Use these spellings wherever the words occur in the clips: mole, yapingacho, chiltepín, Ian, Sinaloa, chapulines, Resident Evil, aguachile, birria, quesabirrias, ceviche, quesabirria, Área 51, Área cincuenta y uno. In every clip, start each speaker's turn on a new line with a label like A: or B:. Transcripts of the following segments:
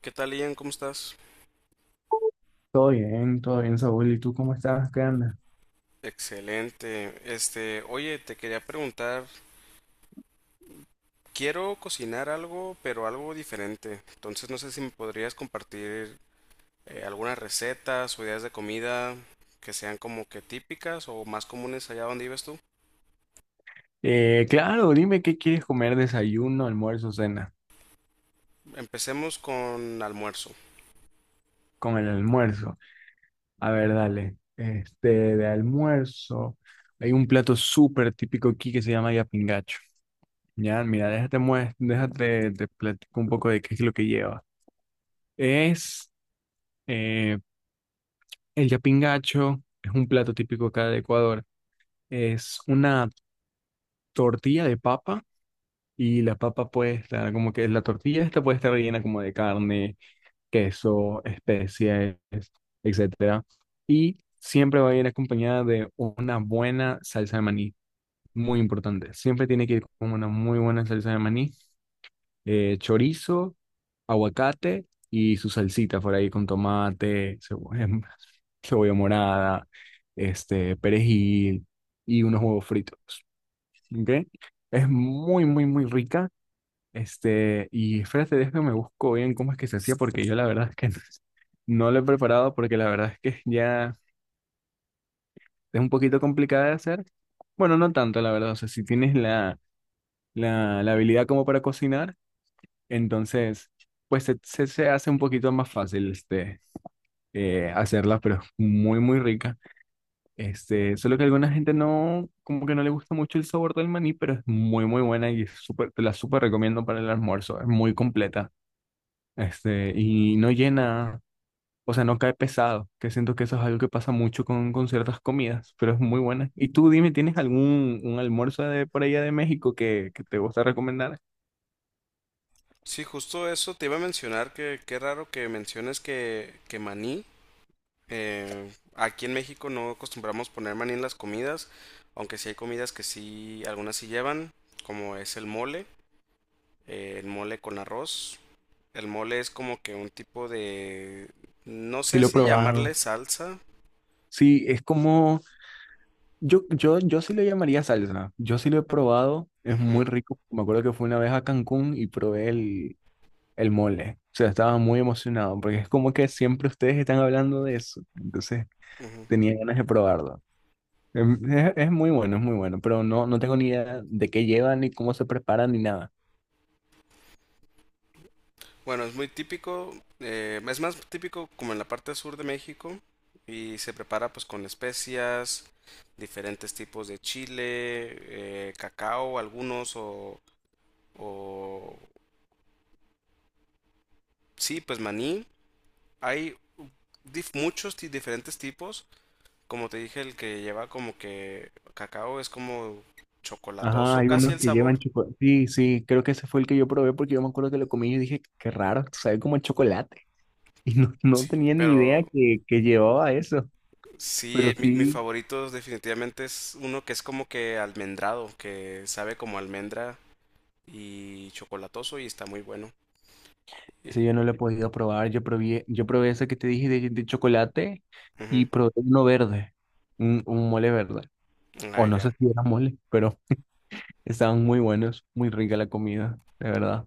A: ¿Qué tal, Ian? ¿Cómo estás?
B: Todo bien, Saúl. ¿Y tú cómo estás? ¿Qué andas?
A: Excelente. Oye, te quería preguntar, quiero cocinar algo, pero algo diferente. Entonces, no sé si me podrías compartir algunas recetas o ideas de comida que sean como que típicas o más comunes allá donde vives tú.
B: Claro, dime qué quieres comer, desayuno, almuerzo, cena.
A: Empecemos con almuerzo.
B: Con el almuerzo. A ver, dale. De almuerzo, hay un plato súper típico aquí que se llama yapingacho. Ya, mira, déjate, déjate, te platico un poco de qué es lo que lleva. Es eh, el yapingacho es un plato típico acá de Ecuador. Es una tortilla de papa. Y la papa puede estar como que la tortilla esta puede estar rellena como de carne, queso, especies, etcétera. Y siempre va a ir acompañada de una buena salsa de maní, muy importante. Siempre tiene que ir con una muy buena salsa de maní, chorizo, aguacate y su salsita por ahí con tomate, cebolla, cebolla morada, perejil y unos huevos fritos. ¿Ok? Es muy, muy, muy rica, y espérate, déjame busco bien cómo es que se hacía, porque yo la verdad es que no lo he preparado, porque la verdad es que ya es un poquito complicada de hacer. Bueno, no tanto, la verdad. O sea, si tienes la habilidad como para cocinar, entonces, pues se hace un poquito más fácil hacerla, pero es muy, muy rica. Este, solo que a alguna gente no, como que no le gusta mucho el sabor del maní, pero es muy, muy buena y es súper, te la súper recomiendo para el almuerzo. Es muy completa, y no llena, o sea, no cae pesado, que siento que eso es algo que pasa mucho con ciertas comidas, pero es muy buena. Y tú dime, ¿tienes algún un almuerzo de por allá de México que te gusta recomendar?
A: Sí, justo eso te iba a mencionar, que qué raro que menciones que maní. Aquí en México no acostumbramos poner maní en las comidas, aunque sí hay comidas que sí, algunas sí llevan, como es el mole con arroz. El mole es como que un tipo de, no
B: Sí,
A: sé
B: lo he
A: si
B: probado.
A: llamarle salsa.
B: Sí, es como, yo sí le llamaría salsa, yo sí lo he probado, es muy
A: Ujú,
B: rico. Me acuerdo que fui una vez a Cancún y probé el mole, o sea, estaba muy emocionado, porque es como que siempre ustedes están hablando de eso, entonces
A: ujú.
B: tenía ganas de probarlo. Es muy bueno, es muy bueno, pero no tengo ni idea de qué llevan, ni cómo se preparan, ni nada.
A: Bueno, es muy típico, es más típico como en la parte sur de México, y se prepara pues con especias, diferentes tipos de chile, cacao, algunos o sí, pues maní, hay diferentes tipos. Como te dije, el que lleva como que cacao es como
B: Ajá,
A: chocolatoso
B: hay
A: casi
B: unos
A: el
B: que
A: sabor.
B: llevan chocolate. Sí, sí, creo que ese fue el que yo probé porque yo me acuerdo que lo comí y dije, qué raro, sabe como el chocolate. Y no
A: Sí,
B: tenía ni idea
A: pero
B: que llevaba eso,
A: sí,
B: pero
A: mi
B: sí,
A: favorito definitivamente es uno que es como que almendrado, que sabe como almendra y chocolatoso y está muy bueno. Y...
B: ese yo no lo he podido probar. Yo probé ese que te dije de chocolate y probé uno verde, un mole verde.
A: ujú.
B: O
A: Ah,
B: no
A: ya.
B: sé si era mole, pero estaban muy buenos, muy rica la comida, de verdad.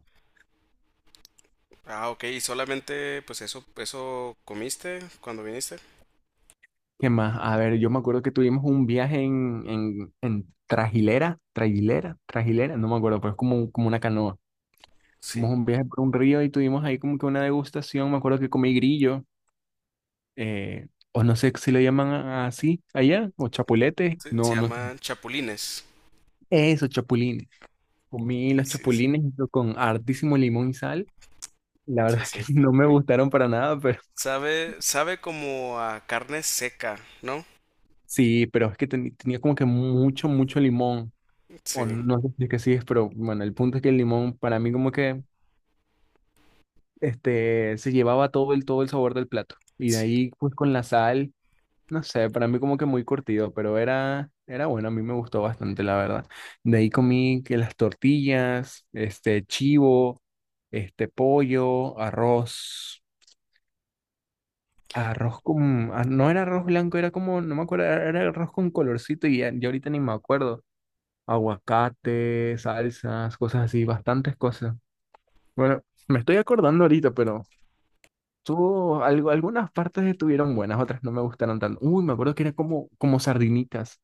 A: Ah, ok. ¿Y solamente pues eso comiste cuando viniste?
B: ¿Qué más? A ver, yo me acuerdo que tuvimos un viaje en trajilera, no me acuerdo, pero es como, como una canoa.
A: Sí.
B: Tuvimos un viaje por un río y tuvimos ahí como que una degustación. Me acuerdo que comí grillo, o no sé si le llaman así allá, o chapuletes,
A: Sí, se
B: no, no,
A: llaman chapulines.
B: eso, chapulines. Comí los
A: Sí, sí.
B: chapulines junto con hartísimo limón y sal. La
A: Sí,
B: verdad es
A: sí.
B: que no me gustaron para nada, pero
A: Sabe, sabe como a carne seca, ¿no?
B: sí, pero es que tenía como que mucho, mucho limón. O
A: Sí,
B: no sé si es que sí es, pero bueno, el punto es que el limón para mí como que se llevaba todo el sabor del plato. Y de
A: sí.
B: ahí pues con la sal, no sé, para mí como que muy curtido, pero era bueno, a mí me gustó bastante, la verdad. De ahí comí que las tortillas, este chivo, este pollo, arroz, arroz con, ah, no era arroz blanco, era como, no me acuerdo, era arroz con colorcito y ya, ya ahorita ni me acuerdo. Aguacate, salsas, cosas así, bastantes cosas. Bueno, me estoy acordando ahorita, pero tuvo algo, algunas partes estuvieron buenas, otras no me gustaron tanto. Uy, me acuerdo que era como, como sardinitas.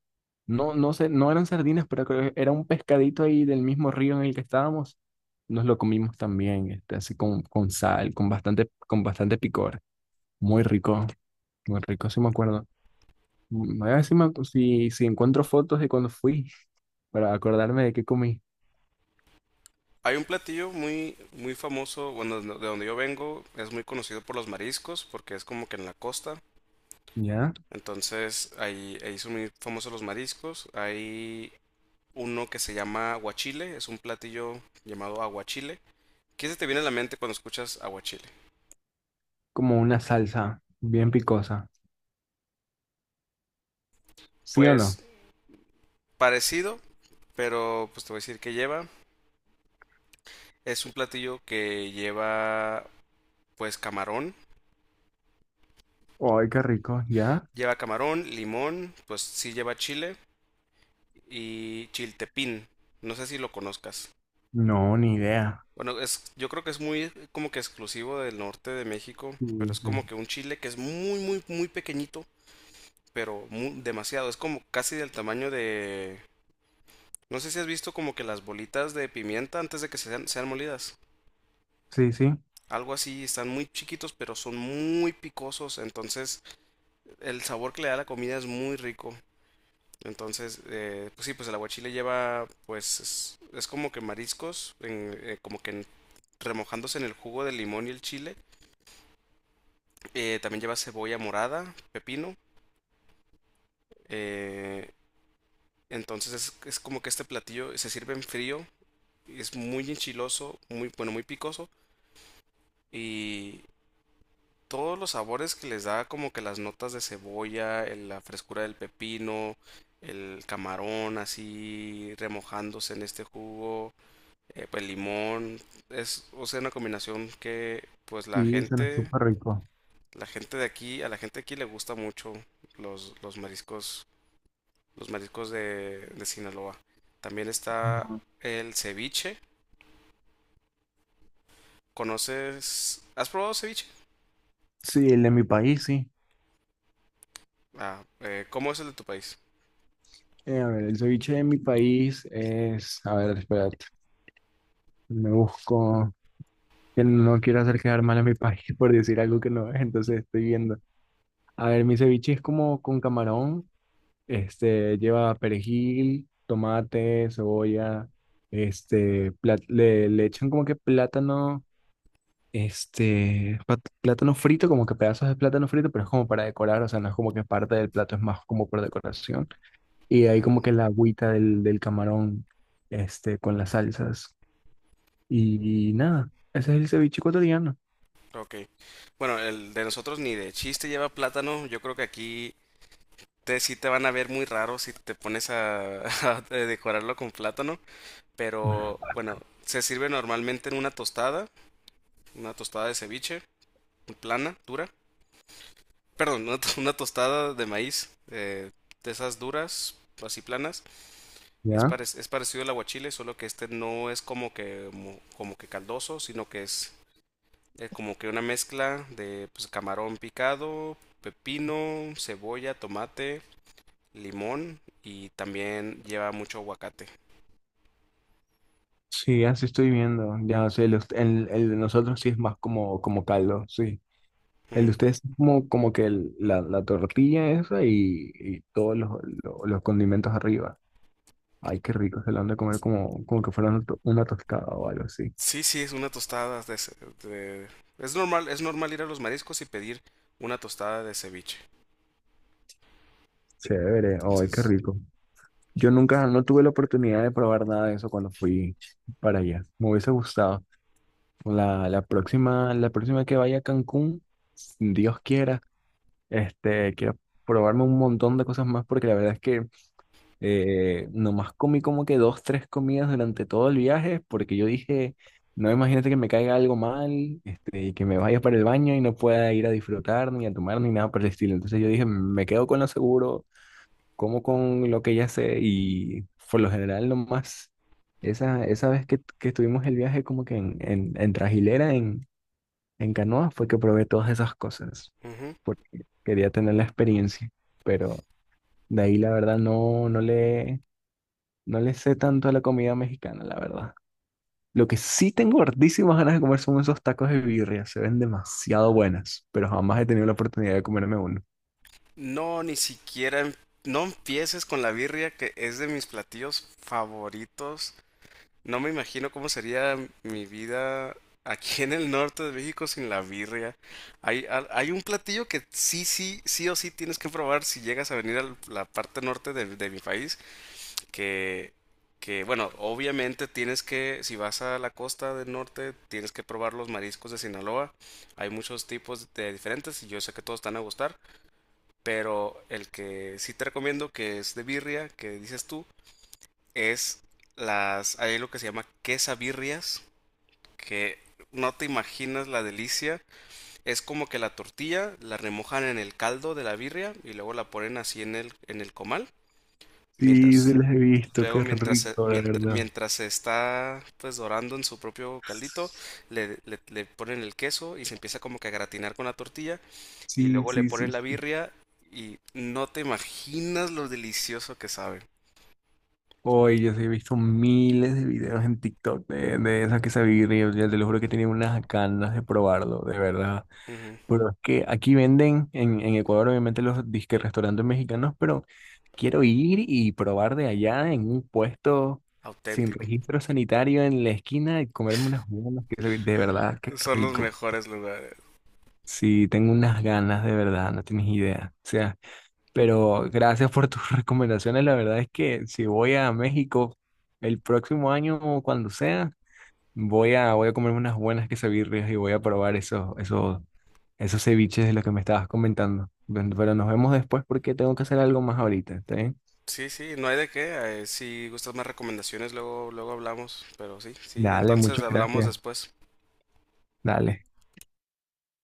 B: No, no sé, no eran sardinas, pero creo que era un pescadito ahí del mismo río en el que estábamos. Nos lo comimos también, este, así con sal, con bastante picor. Muy rico, muy rico, sí me acuerdo. Mm, a ver si, si encuentro fotos de cuando fui para acordarme de qué comí.
A: Hay un platillo muy, muy famoso, bueno, de donde yo vengo, es muy conocido por los mariscos, porque es como que en la costa.
B: ¿Ya?
A: Entonces, ahí, ahí son muy famosos los mariscos. Hay uno que se llama aguachile, es un platillo llamado aguachile. ¿Qué se te viene a la mente cuando escuchas aguachile?
B: Como una salsa bien picosa. ¿Sí o no?
A: Pues parecido, pero pues te voy a decir que lleva. Es un platillo que lleva pues camarón.
B: Ay, qué rico, ¿ya?
A: Lleva camarón, limón, pues sí lleva chile y chiltepín. No sé si lo conozcas.
B: No, ni idea.
A: Bueno, es, yo creo que es muy como que exclusivo del norte de México,
B: Sí,
A: pero es como que un chile que es muy, muy, muy pequeñito, pero mu- demasiado. Es como casi del tamaño de... No sé si has visto como que las bolitas de pimienta antes de que sean, sean molidas.
B: sí, sí, sí,
A: Algo así, están muy chiquitos, pero son muy picosos. Entonces, el sabor que le da la comida es muy rico. Entonces, pues sí, pues el aguachile lleva, pues es como que mariscos, como que remojándose en el jugo del limón y el chile. También lleva cebolla morada, pepino. eh, entonces es como que este platillo se sirve en frío, y es muy enchiloso, muy bueno, muy picoso, y todos los sabores que les da, como que las notas de cebolla, la frescura del pepino, el camarón así remojándose en este jugo. Pues limón, es, o sea, una combinación que pues
B: y suena súper rico.
A: la gente de aquí, a la gente de aquí le gusta mucho los, los mariscos, los mariscos de Sinaloa. También está
B: No.
A: el ceviche. ¿Conoces? ¿Has probado ceviche?
B: Sí, el de mi país, sí.
A: Ah, ¿cómo es el de tu país?
B: A ver, el ceviche de mi país es, a ver, espérate, me busco, que no quiero hacer quedar mal a mi país por decir algo que no es, entonces estoy viendo. A ver, mi ceviche es como con camarón, lleva perejil, tomate, cebolla, este, le echan como que plátano. Este, plátano frito, como que pedazos de plátano frito, pero es como para decorar, o sea, no es como que parte del plato, es más como por decoración. Y ahí
A: Ah,
B: como que la agüita del camarón, este, con las salsas. Y, nada, ese es el ceviche ecuatoriano.
A: ok. Bueno, el de nosotros ni de chiste lleva plátano. Yo creo que aquí te, sí te van a ver muy raro si te pones a, a decorarlo con plátano. Pero bueno, se sirve normalmente en una tostada de ceviche, plana, dura. Perdón, una, to- una tostada de maíz, de esas duras, así planas. Es,
B: ¿Ya?
A: parec- es parecido al aguachile, solo que este no es como que, mo- como que caldoso, sino que es como que una mezcla de pues, camarón picado, pepino, cebolla, tomate, limón y también lleva mucho aguacate.
B: Sí, así estoy viendo. Ya, o sea, el de nosotros sí es más como, como caldo, sí. El de
A: Ujú.
B: ustedes es como, como que la, la tortilla esa y todos los condimentos arriba. Ay, qué rico, se lo han de comer como, como que fuera una, una tostada o algo así.
A: Sí, sí, es una tostada de, de- es normal, es normal ir a los mariscos y pedir una tostada de ceviche.
B: Chévere, ay, qué
A: Entonces,
B: rico. Yo nunca, no tuve la oportunidad de probar nada de eso cuando fui para allá. Me hubiese gustado. La próxima, la próxima que vaya a Cancún, si Dios quiera, este, quiero probarme un montón de cosas más porque la verdad es que eh, nomás comí como que dos, tres comidas durante todo el viaje porque yo dije, no imagínate que me caiga algo mal, este, y que me vaya para el baño y no pueda ir a disfrutar ni a tomar ni nada por el estilo. Entonces yo dije, me quedo con lo seguro, como con lo que ya sé y por lo general nomás esa vez que estuvimos el viaje como que en Trajilera, en canoa, fue que probé todas esas cosas
A: ujú.
B: porque quería tener la experiencia, pero de ahí la verdad no le... No le sé tanto a la comida mexicana, la verdad. Lo que sí tengo hartísimas ganas de comer son esos tacos de birria. Se ven demasiado buenas, pero jamás he tenido la oportunidad de comerme uno.
A: No, ni siquiera, no empieces con la birria, que es de mis platillos favoritos. No me imagino cómo sería mi vida aquí en el norte de México sin la birria. Hay, hay un platillo que sí, sí, sí o sí tienes que probar si llegas a venir a la parte norte de mi país. que, que, bueno, obviamente tienes que, si vas a la costa del norte, tienes que probar los mariscos de Sinaloa. Hay muchos tipos de diferentes y yo sé que todos te van a gustar, pero el que sí te recomiendo, que es de birria, que dices tú, es las, hay lo que se llama quesabirrias, que no te imaginas la delicia. Es como que la tortilla la remojan en el caldo de la birria y luego la ponen así en el comal.
B: Sí, sí
A: Mientras
B: los he visto,
A: luego,
B: qué
A: mientras se,
B: rico, de
A: mientras,
B: verdad.
A: mientras se está pues dorando en su propio caldito, le ponen el queso y se empieza como que a gratinar con la tortilla y
B: Sí,
A: luego le
B: sí, sí,
A: ponen la
B: sí.
A: birria y no te imaginas lo delicioso que sabe.
B: Hoy yo sí he visto miles de videos en TikTok de esa quesabirria. Yo te lo juro que tenía unas ganas de probarlo, de verdad.
A: Ujú,
B: Pero es que aquí venden, en Ecuador obviamente los disque restaurantes mexicanos, pero quiero ir y probar de allá en un puesto sin
A: auténtico.
B: registro sanitario en la esquina y comerme unas buenas, que de verdad, qué
A: Son los
B: rico.
A: mejores lugares.
B: Sí, tengo unas ganas de verdad, no tienes idea. O sea, pero gracias por tus recomendaciones. La verdad es que si voy a México el próximo año o cuando sea, voy a comerme unas buenas quesadillas y voy a probar esos ceviches de los que me estabas comentando. Bueno, pero nos vemos después porque tengo que hacer algo más ahorita, ¿está bien?
A: Sí, sí, no hay de qué. Si gustas más recomendaciones, luego, luego hablamos. Pero sí, sí,
B: Dale,
A: entonces
B: muchas
A: hablamos
B: gracias.
A: después.
B: Dale.